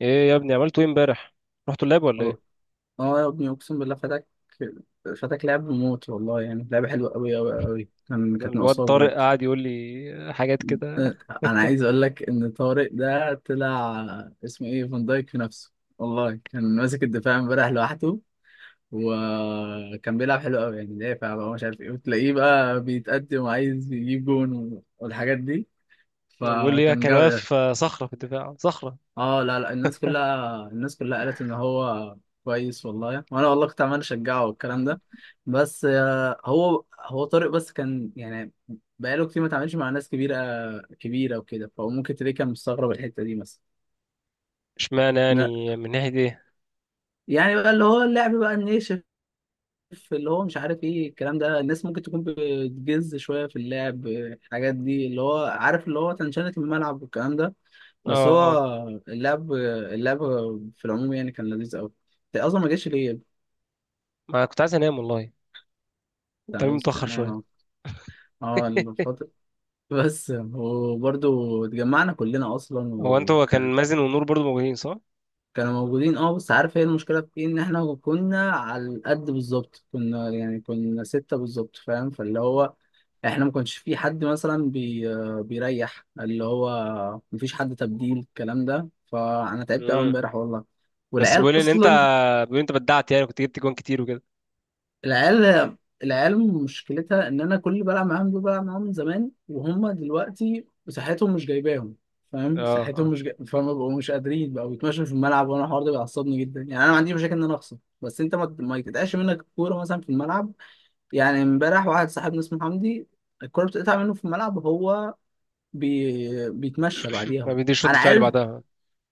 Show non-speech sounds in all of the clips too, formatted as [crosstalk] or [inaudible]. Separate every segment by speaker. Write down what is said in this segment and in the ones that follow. Speaker 1: ايه يا ابني عملتوا ايه امبارح؟ رحتوا اللاب ولا
Speaker 2: اه
Speaker 1: ايه؟
Speaker 2: آه يا ابني، اقسم بالله فاتك لعب موت والله. يعني لعبه حلوه قوي قوي قوي، كانت
Speaker 1: الواد
Speaker 2: ناقصاه
Speaker 1: طارق
Speaker 2: بجد.
Speaker 1: قعد يقول لي حاجات كده.
Speaker 2: آه، انا عايز اقول لك ان طارق ده طلع اسمه ايه، فان دايك في نفسه والله. كان ماسك الدفاع امبارح لوحده، وكان بيلعب حلو قوي. يعني دافع بقى، مش عارف ايه، وتلاقيه بقى بيتقدم وعايز يجيب جون والحاجات دي.
Speaker 1: بيقول لي
Speaker 2: فكان
Speaker 1: كان
Speaker 2: جامد.
Speaker 1: واقف صخره في الدفاع، صخره.
Speaker 2: اه، لا لا، الناس كلها قالت ان هو كويس والله. وانا والله كنت عمال اشجعه والكلام ده. بس هو طارق بس كان، يعني بقاله كتير ما اتعاملش مع ناس كبيره كبيره وكده، فهو ممكن تلاقيه كان مستغرب الحته دي مثلا.
Speaker 1: اشمعنى
Speaker 2: لا،
Speaker 1: يعني؟ من ناحيه ايه؟
Speaker 2: يعني بقى اللي هو اللعب بقى الناشف، اللي هو مش عارف ايه الكلام ده. الناس ممكن تكون بتجز شويه في اللعب، الحاجات دي اللي هو عارف، اللي هو تنشنة الملعب والكلام ده. بس
Speaker 1: اه،
Speaker 2: هو
Speaker 1: اه.
Speaker 2: اللعب في العموم يعني كان لذيذ قوي. ده اصلا ما جاش ليه.
Speaker 1: ما كنت عايز انام والله،
Speaker 2: بتاع
Speaker 1: التمرين متاخر شويه.
Speaker 2: الفترة. [laughs] بس وبرضه اتجمعنا كلنا اصلا
Speaker 1: هو انت، هو كان
Speaker 2: وكان.
Speaker 1: مازن ونور برضو موجودين صح؟
Speaker 2: كانوا موجودين، اه. بس عارف هي المشكلة في ايه؟ ان احنا كنا على القد بالظبط، كنا يعني كنا ستة بالظبط، فاهم؟ فاللي هو احنا ما كانش في حد مثلا بيريح اللي هو، مفيش حد تبديل الكلام ده. فانا تعبت قوي
Speaker 1: امم
Speaker 2: امبارح والله.
Speaker 1: بس بيقول
Speaker 2: والعيال
Speaker 1: لي ان انت،
Speaker 2: اصلا،
Speaker 1: بيقول لي انت بدعت، يعني كنت جبت جوان كتير وكده.
Speaker 2: العيال العيال مشكلتها ان انا كل اللي بلعب معاهم دول بلعب معاهم من زمان، وهم دلوقتي صحتهم مش جايباهم، فاهم؟
Speaker 1: اه
Speaker 2: صحتهم
Speaker 1: اه،
Speaker 2: مش جاي... فاهم، بقوا مش قادرين، بقوا بيتمشوا في الملعب. وانا الحوار ده بيعصبني جدا. يعني انا ما عنديش مشاكل ان انا اخسر، بس انت ما يتقطعش منك الكوره مثلا في الملعب. يعني امبارح واحد صاحبنا اسمه حمدي، الكوره بتقطع منه في الملعب وهو بيتمشى بعديها.
Speaker 1: ما بيديش رد
Speaker 2: انا
Speaker 1: فعل
Speaker 2: عارف
Speaker 1: بعدها.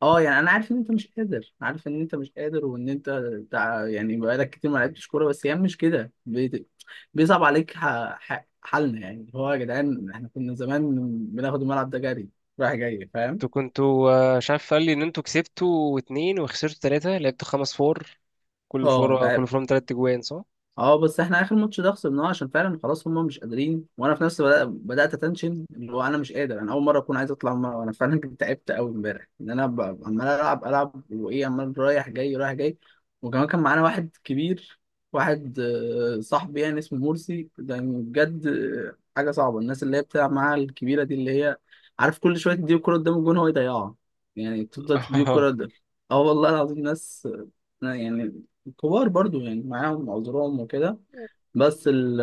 Speaker 2: اه، يعني انا عارف ان انت مش قادر، عارف ان انت مش قادر، وان انت يعني بقالك كتير ما لعبتش كوره. بس هي مش كده، بيصعب عليك حالنا. يعني هو يا جدعان احنا كنا زمان بناخد الملعب ده جري، رايح جاي، فاهم؟
Speaker 1: انتوا كنتوا مش عارف، قال لي ان انتوا كسبتوا اتنين وخسرتوا تلاته، لعبتوا خمس فور، كل
Speaker 2: اه
Speaker 1: فور كل فور من تلات جوان صح؟
Speaker 2: اه. بس احنا اخر ماتش ده خسرناه عشان فعلا خلاص هم مش قادرين، وانا في نفسي بدات اتنشن. اللي هو انا مش قادر، انا اول مره اكون عايز اطلع مرة. انا فعلا [laughs] كنت تعبت قوي امبارح. ان انا عمال العب وايه، عمال رايح جاي رايح جاي. وكمان كان معانا واحد كبير، واحد صاحبي يعني اسمه مرسي. ده يعني بجد حاجه صعبه. الناس اللي هي بتلعب معاها الكبيره دي اللي هي، عارف، كل شويه تديه الكوره قدام الجون هو يضيعها، يعني تفضل تديه
Speaker 1: [laughs]
Speaker 2: الكوره ده. اه والله العظيم، ناس لا يعني كبار برضو، يعني معاهم عذرهم وكده. بس ال،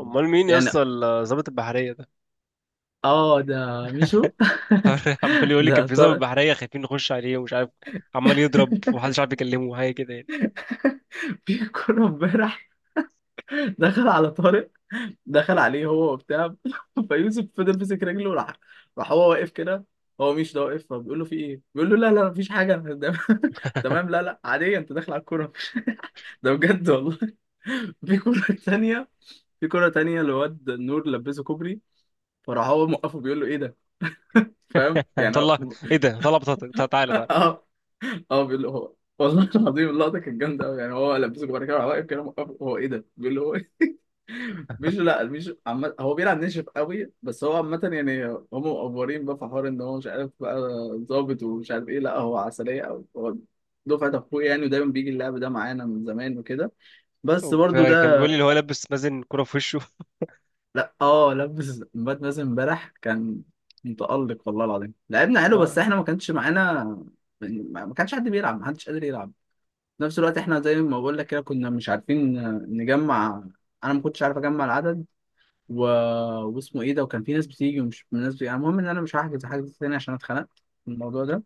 Speaker 1: امال مين يا
Speaker 2: يعني
Speaker 1: اسطى الضابط البحريه ده؟
Speaker 2: اه، ده ميشو.
Speaker 1: [laughs] عمال
Speaker 2: [laughs]
Speaker 1: يقول لي كان
Speaker 2: ده
Speaker 1: في ضابط
Speaker 2: طارق.
Speaker 1: بحريه خايفين نخش عليه ومش عارف، عمال يضرب ومحدش عارف يكلمه حاجه كده يعني.
Speaker 2: في كورة امبارح دخل على طارق، دخل عليه هو وبتاع [laughs] فيوسف، فضل مسك رجله وراح، راح هو واقف كده، هو ميشو ده واقف. فبيقول له: في ايه؟ بيقول له: لا لا مفيش حاجة، أنا ده- [laughs] تمام لا لا عادية، انت داخل على الكورة. [laughs] ده بجد والله. [laughs] في كورة تانية، في كورة تانية لواد نور لبسه كوبري، فراح هو موقفه بيقول له: ايه ده؟ فاهم،
Speaker 1: [laughs]
Speaker 2: يعني
Speaker 1: طلع،
Speaker 2: هو-
Speaker 1: ايه ده؟ طلع بطاقتك، تعالى تعالى.
Speaker 2: اه. [laughs] اه بيقول له هو والله العظيم اللقطه كانت جامده قوي. يعني هو لبسه جوه كده واقف كده، موقف هو ايه ده، بيقول له: هو إيه؟ [laughs] مش لا مش عم... هو بيلعب ناشف قوي بس هو عامه. يعني هم مقفورين بقى في حوار ان هو مش عارف بقى، ظابط ومش عارف ايه. لا، هو عسليه قوي، هو دفعه اخويا يعني، ودايما بيجي اللعب ده معانا من زمان وكده. بس برضو
Speaker 1: فكان
Speaker 2: ده.
Speaker 1: بيقول لي اللي هو لابس مازن كرة في وشه.
Speaker 2: لا اه، لبس بات مازن امبارح، كان متألق والله العظيم. لعبنا
Speaker 1: [laughs]
Speaker 2: حلو، بس
Speaker 1: اه.
Speaker 2: احنا ما كانش معانا، ما كانش حد بيلعب، ما حدش قادر يلعب في نفس الوقت. احنا زي ما بقول لك كده كنا مش عارفين نجمع، انا ما كنتش عارف اجمع العدد و... واسمه ايه ده. وكان في ناس بتيجي ومش ناس بتيجي. المهم ان انا مش هحجز حاجة تاني عشان اتخنقت من الموضوع ده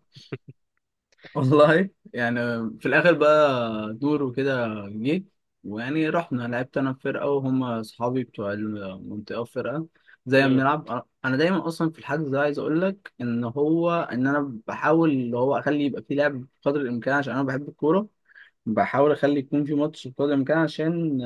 Speaker 2: والله. يعني في الاخر بقى دور وكده جه، ويعني رحنا، لعبت انا في فرقه وهم اصحابي بتوع المنطقه في فرقه. زي ما
Speaker 1: مم.
Speaker 2: بنلعب انا دايما اصلا في الحجز ده، عايز اقول لك ان هو ان انا بحاول اللي هو اخلي يبقى في لعب بقدر الامكان عشان انا بحب الكوره. بحاول اخلي يكون في ماتش بقدر الامكان، عشان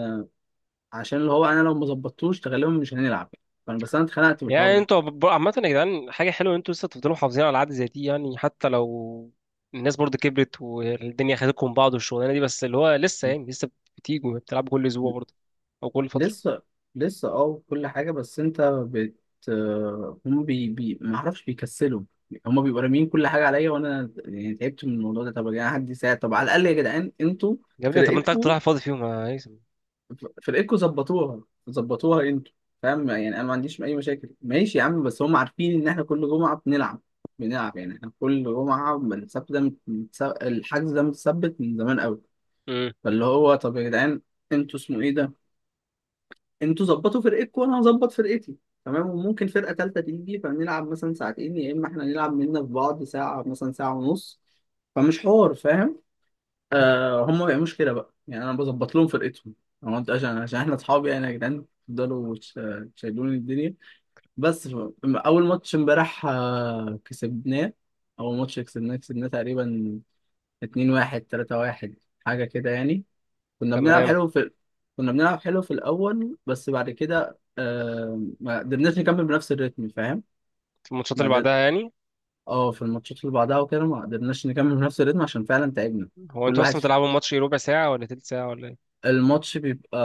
Speaker 2: عشان اللي هو انا لو ما ظبطتوش غالبا مش هنلعب. فانا بس انا اتخنقت من
Speaker 1: يعني
Speaker 2: الحوار
Speaker 1: انتوا عامة يا جدعان حاجة حلوة ان انتوا لسه تفضلوا محافظين على العادة زي دي، يعني حتى لو الناس برضه كبرت والدنيا خدتكم من بعض والشغلانة دي، بس اللي هو لسه،
Speaker 2: ده.
Speaker 1: يعني لسه بتيجوا بتلعبوا كل اسبوع برضه او كل فترة.
Speaker 2: لسه لسه اه كل حاجة. بس انت بت هم بي بي ما اعرفش بيكسلوا، هم بيبقوا راميين كل حاجة عليا، وانا يعني تعبت من الموضوع ده. طب يا جدعان حد يساعد، طب على الأقل يا جدعان انتوا
Speaker 1: يا ابني طب ما انت قاعد
Speaker 2: فرقتكوا
Speaker 1: رايح فاضي فيهم يا هيثم.
Speaker 2: فرقتكوا ظبطوها، ظبطوها انتوا، فاهم؟ يعني انا ما عنديش اي مشاكل، ماشي يا عم، بس هم عارفين ان احنا كل جمعة بنلعب، بنلعب. يعني احنا كل جمعة من السبت ده الحجز ده متثبت من زمان قوي.
Speaker 1: مم.
Speaker 2: فاللي هو طب يا جدعان، انتوا اسمه ايه ده، انتوا ظبطوا فرقتكم، وانا هظبط فرقتي. تمام، وممكن فرقه ثالثه تيجي فنلعب مثلا ساعتين، يا اما احنا نلعب مننا في بعض ساعه مثلا ساعه ونص. فمش حوار، فاهم؟ آه هم ما بيعملوش كده بقى، يعني انا بظبط لهم فرقتهم. انا قلت عشان احنا اصحاب، يعني يا جدعان تفضلوا تشيلوني الدنيا. بس اول ماتش امبارح كسبناه. اول ماتش كسبناه، كسبناه تقريبا 2-1، 3-1، حاجه كده يعني. كنا بنلعب
Speaker 1: تمام.
Speaker 2: حلو في، كنا بنلعب حلو في الأول، بس بعد كده ما قدرناش نكمل بنفس الريتم، فاهم؟
Speaker 1: الماتشات
Speaker 2: ما
Speaker 1: اللي
Speaker 2: قدر...
Speaker 1: بعدها يعني؟
Speaker 2: اه، في الماتشات اللي بعدها وكده ما قدرناش نكمل بنفس الريتم عشان فعلا تعبنا.
Speaker 1: هو
Speaker 2: كل
Speaker 1: انتوا
Speaker 2: واحد
Speaker 1: اصلا
Speaker 2: في،
Speaker 1: بتلعبوا الماتش ربع ساعة ولا تلت ساعة ولا ايه؟
Speaker 2: الماتش بيبقى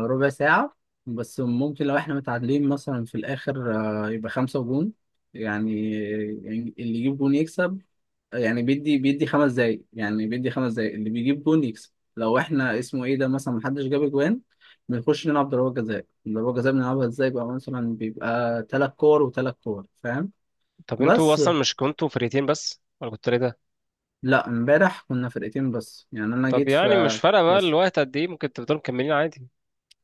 Speaker 2: ربع ساعة، بس ممكن لو احنا متعادلين مثلا في الآخر يبقى خمسة جون يعني، يعني اللي يجيب جون يكسب. يعني بيدي خمس دقايق، يعني بيدي خمس دقايق، اللي بيجيب جون يكسب. لو احنا اسمه ايه ده مثلا محدش جاب جوان، بنخش نلعب ضربات جزاء. ضربات جزاء بنلعبها ازاي بقى؟ مثلا بيبقى تلات كور وتلات كور، فاهم؟
Speaker 1: طب انتوا
Speaker 2: بس
Speaker 1: اصلا مش كنتوا فرقتين بس ولا كنتوا تلاتة؟
Speaker 2: لا، امبارح كنا فرقتين بس، يعني انا
Speaker 1: طب
Speaker 2: جيت
Speaker 1: يعني مش
Speaker 2: في
Speaker 1: فارقة بقى
Speaker 2: بس.
Speaker 1: الوقت قد ايه، ممكن تفضلوا مكملين عادي.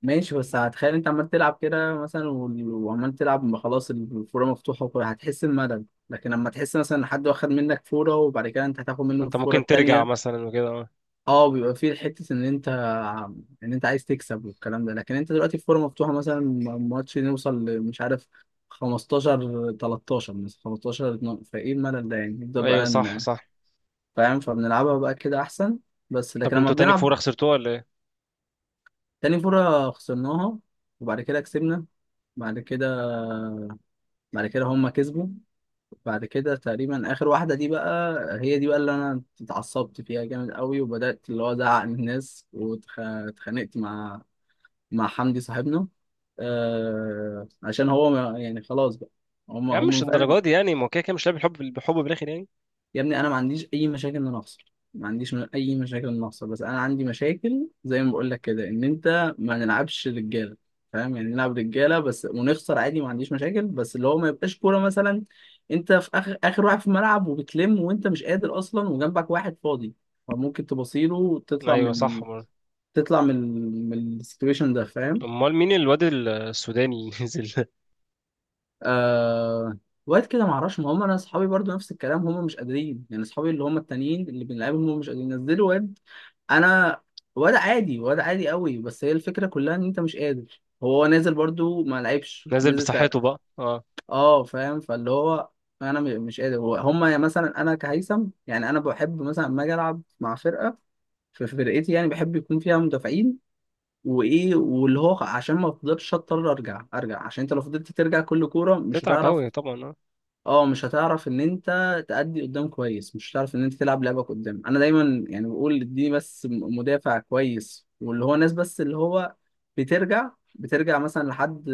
Speaker 2: ماشي، بس هتخيل انت عمال تلعب كده مثلا، وعمال تلعب، ما خلاص الفوره مفتوحه، هتحس بملل. لكن لما تحس مثلا ان حد واخد منك فوره وبعد كده انت هتاخد منه
Speaker 1: انت
Speaker 2: الفوره
Speaker 1: ممكن ترجع
Speaker 2: التانيه،
Speaker 1: مثلا وكده، اه.
Speaker 2: اه، بيبقى فيه حته ان انت، ان انت عايز تكسب والكلام ده. لكن انت دلوقتي في فورمه مفتوحه مثلا، ماتش نوصل مش عارف، 15 13 مثلا، 15 12، فايه الملل ده يعني؟ نبدا
Speaker 1: ايوه
Speaker 2: بقى
Speaker 1: صح صح.
Speaker 2: فاهم؟ فبنلعبها بقى كده احسن. بس
Speaker 1: طب
Speaker 2: لكن لما
Speaker 1: انتوا تاني
Speaker 2: بنلعب،
Speaker 1: فورة خسرتوها ولا ايه؟
Speaker 2: تاني فوره خسرناها، وبعد كده كسبنا، بعد كده هما كسبوا، بعد كده تقريبا اخر واحده دي بقى، هي دي بقى اللي انا اتعصبت فيها جامد قوي. وبدات اللي هو ازعق للناس، واتخانقت مع، مع حمدي صاحبنا، آه عشان هو ما يعني خلاص بقى، هم
Speaker 1: يا عم
Speaker 2: هم
Speaker 1: مش
Speaker 2: فعلا.
Speaker 1: الدرجة دي يعني، ما هو كده كده مش لاعب، الحب بالحب بالاخر يعني.
Speaker 2: يا ابني انا ما عنديش اي مشاكل ان انا اخسر، ما عنديش اي مشاكل ان أنا اخسر. بس انا عندي مشاكل زي ما بقول لك كده، ان انت ما نلعبش رجاله، فاهم؟ يعني نلعب رجاله بس ونخسر عادي، ما عنديش مشاكل. بس اللي هو ما يبقاش كوره مثلا انت في اخر واحد في الملعب وبتلم وانت مش قادر اصلا، وجنبك واحد فاضي، فممكن تبصيله وتطلع من
Speaker 1: ايوه صح برضه.
Speaker 2: تطلع من من السيتويشن ده، فاهم؟
Speaker 1: امال مين الواد السوداني اللي نزل؟
Speaker 2: آه وقت كده معرفش. ما هم انا اصحابي برضو نفس الكلام، هم مش قادرين، يعني اصحابي اللي هم التانيين اللي بنلعبهم هم مش قادرين. نزلوا واد، انا واد عادي، واد عادي قوي، بس هي الفكره كلها ان انت مش قادر. هو نازل برضو ما لعبش،
Speaker 1: [laughs] نازل
Speaker 2: نزل
Speaker 1: بصحته بقى، اه.
Speaker 2: اه، فاهم. فاللي هو انا مش قادر، هم يعني مثلا. انا كهيثم يعني انا بحب مثلا لما اجي العب مع فرقه، في فرقتي يعني بحب يكون فيها مدافعين وايه، واللي هو عشان ما افضلش اضطر ارجع ارجع، عشان انت لو فضلت ترجع كل كوره مش
Speaker 1: تتعب
Speaker 2: هتعرف،
Speaker 1: قوي طبعا، اه.
Speaker 2: اه، مش هتعرف ان انت تأدي قدام كويس، مش هتعرف ان انت تلعب لعبك قدام. انا دايما يعني بقول دي بس، مدافع كويس واللي هو ناس، بس اللي هو بترجع مثلا لحد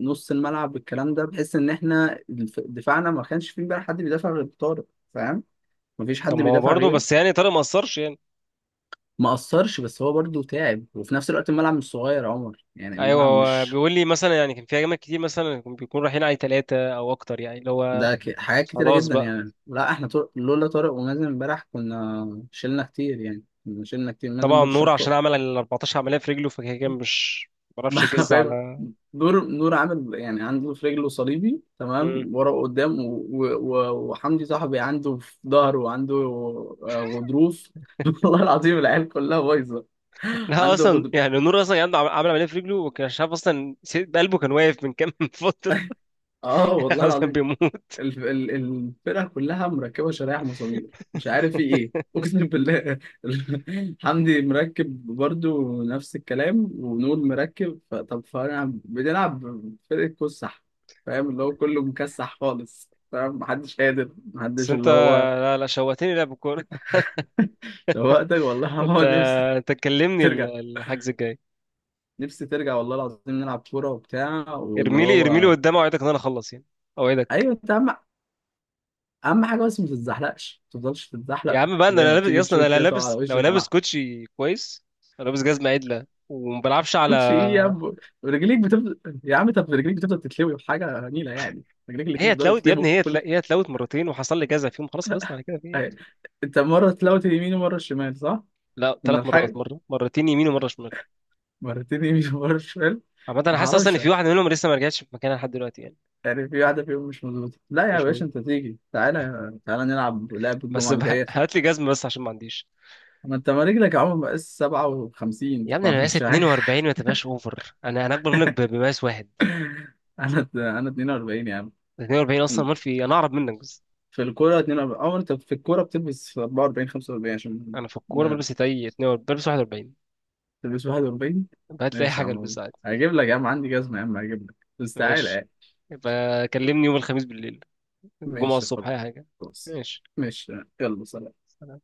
Speaker 2: نص الملعب الكلام ده، بحيث ان احنا دفاعنا ما كانش فيه بقى حد بيدافع غير طارق، فاهم؟ مفيش حد
Speaker 1: طب ما هو
Speaker 2: بيدافع
Speaker 1: برضه
Speaker 2: غيره.
Speaker 1: بس يعني طارق ما قصرش.
Speaker 2: ما قصرش، بس هو برضه تعب، وفي نفس الوقت الملعب مش صغير يا عمر، يعني
Speaker 1: ايوه،
Speaker 2: الملعب
Speaker 1: هو
Speaker 2: مش
Speaker 1: بيقول لي مثلا يعني كان في ايام كتير مثلا بيكون رايحين عليه ثلاثه او اكتر، يعني اللي هو
Speaker 2: ده حاجات كتيرة
Speaker 1: خلاص
Speaker 2: جدا.
Speaker 1: بقى.
Speaker 2: يعني لا احنا لولا طارق ومازن امبارح كنا شلنا كتير، يعني كنا شلنا كتير، مازن
Speaker 1: طبعا
Speaker 2: برضه
Speaker 1: نور
Speaker 2: شال طارق.
Speaker 1: عشان عمل ال 14 عمليه في رجله فكده كان مش، ما بيعرفش
Speaker 2: [laughs]
Speaker 1: يجز
Speaker 2: فاهم.
Speaker 1: على.
Speaker 2: نور عامل يعني عنده في رجله صليبي، تمام
Speaker 1: مم.
Speaker 2: ورا وقدام، وحمدي صاحبي عنده في ظهره وعنده غضروف. [laughs] والله العظيم العيال كلها بايظة.
Speaker 1: لا
Speaker 2: عنده
Speaker 1: اصلا
Speaker 2: غضروف
Speaker 1: يعني نور اصلا كان عنده عمل عمليه في رجله، وكان مش عارف اصلا قلبه كان واقف من كام [laughs] فتره،
Speaker 2: اه
Speaker 1: يعني
Speaker 2: والله
Speaker 1: خلاص كان
Speaker 2: العظيم.
Speaker 1: بيموت.
Speaker 2: الفرقة كلها مركبة شرايح مسامير، مش عارف في ايه، اقسم بالله. [laughs] حمدي مركب برضو نفس الكلام، ونور مركب طب فانا بنلعب فرقة كسح، فاهم؟ اللي هو كله مكسح خالص، فاهم؟ محدش قادر،
Speaker 1: بس
Speaker 2: محدش
Speaker 1: انت
Speaker 2: اللي هو.
Speaker 1: لا شوقتني لعب الكوره. [laughs]
Speaker 2: شوقتك والله. [laughs] هو
Speaker 1: انت
Speaker 2: نفسي
Speaker 1: انت تكلمني
Speaker 2: ترجع،
Speaker 1: الحجز الجاي.
Speaker 2: نفسي ترجع والله العظيم. نلعب كورة وبتاع واللي
Speaker 1: ارميلي ارميلي
Speaker 2: هو،
Speaker 1: قدام، اوعدك ان انا اخلص يعني، اوعدك.
Speaker 2: ايوه انت اهم، اهم حاجة بس ما تتزحلقش، ما تفضلش
Speaker 1: يا
Speaker 2: تتزحلق
Speaker 1: عم بقى انا
Speaker 2: زي
Speaker 1: لا
Speaker 2: ما
Speaker 1: لابس يا
Speaker 2: بتيجي
Speaker 1: اسطى انا
Speaker 2: تشوت
Speaker 1: لا
Speaker 2: كده تقع على
Speaker 1: لابس، لو
Speaker 2: وشك.
Speaker 1: لابس
Speaker 2: انا
Speaker 1: كوتشي كويس، لو لابس جزمه عدله وما بلعبش على.
Speaker 2: كوتشي ايه يا عم، رجليك بتفضل يا عم، طب رجليك بتفضل تتلوي بحاجه نيله يعني، رجليك
Speaker 1: هي
Speaker 2: الاتنين بتفضلوا
Speaker 1: اتلوت يا ابني،
Speaker 2: يتلوي كل،
Speaker 1: هي اتلوت مرتين وحصل لي جزع فيهم، خلاص خلصنا على كده في إيه؟
Speaker 2: أهي. انت مره تلوت اليمين ومره الشمال، صح؟
Speaker 1: لا،
Speaker 2: كنا
Speaker 1: ثلاث مرات،
Speaker 2: بحاجه.
Speaker 1: مرتين يمين ومره شمال.
Speaker 2: مرتين يمين [laughs] ومره شمال.
Speaker 1: عامه انا
Speaker 2: ما
Speaker 1: حاسس اصلا ان
Speaker 2: هعرفش،
Speaker 1: في واحده منهم لسه ما رجعتش في مكانها لحد دلوقتي يعني.
Speaker 2: يعني في واحده فيهم مش مظبوطه. لا يا
Speaker 1: مش
Speaker 2: باشا،
Speaker 1: مهم،
Speaker 2: انت تيجي تعالى تعالى نلعب لعب
Speaker 1: بس
Speaker 2: الجمعه
Speaker 1: بقى
Speaker 2: الجايه
Speaker 1: [laughs]
Speaker 2: سوا.
Speaker 1: هات لي جزمه بس عشان ما عنديش.
Speaker 2: ما انت ما رجلك يا عم مقاس 57
Speaker 1: يا ابني انا مقاس
Speaker 2: فمش عارف.
Speaker 1: 42، ما تبقاش اوفر، انا اكبر منك بمقاس واحد.
Speaker 2: [laughs] انا 42 يا عم.
Speaker 1: 42 اصلا، ما في انا اعرض منك بس.
Speaker 2: في الكوره 42، او انت في الكوره بتلبس 44 45 عشان
Speaker 1: انا في الكوره بلبس تاي 42، بلبس 41.
Speaker 2: تلبس 41.
Speaker 1: هات لي اي
Speaker 2: ماشي يا
Speaker 1: حاجه
Speaker 2: عم،
Speaker 1: البسها.
Speaker 2: هجيب لك يا عم، عندي جزمة يا عم هجيب لك، بس تعالى
Speaker 1: ماشي.
Speaker 2: يعني.
Speaker 1: يبقى كلمني يوم الخميس بالليل، الجمعة
Speaker 2: ماشي
Speaker 1: الصبح أي حاجة.
Speaker 2: خلاص.
Speaker 1: ماشي.
Speaker 2: ماشي. يلا سلام.
Speaker 1: سلام.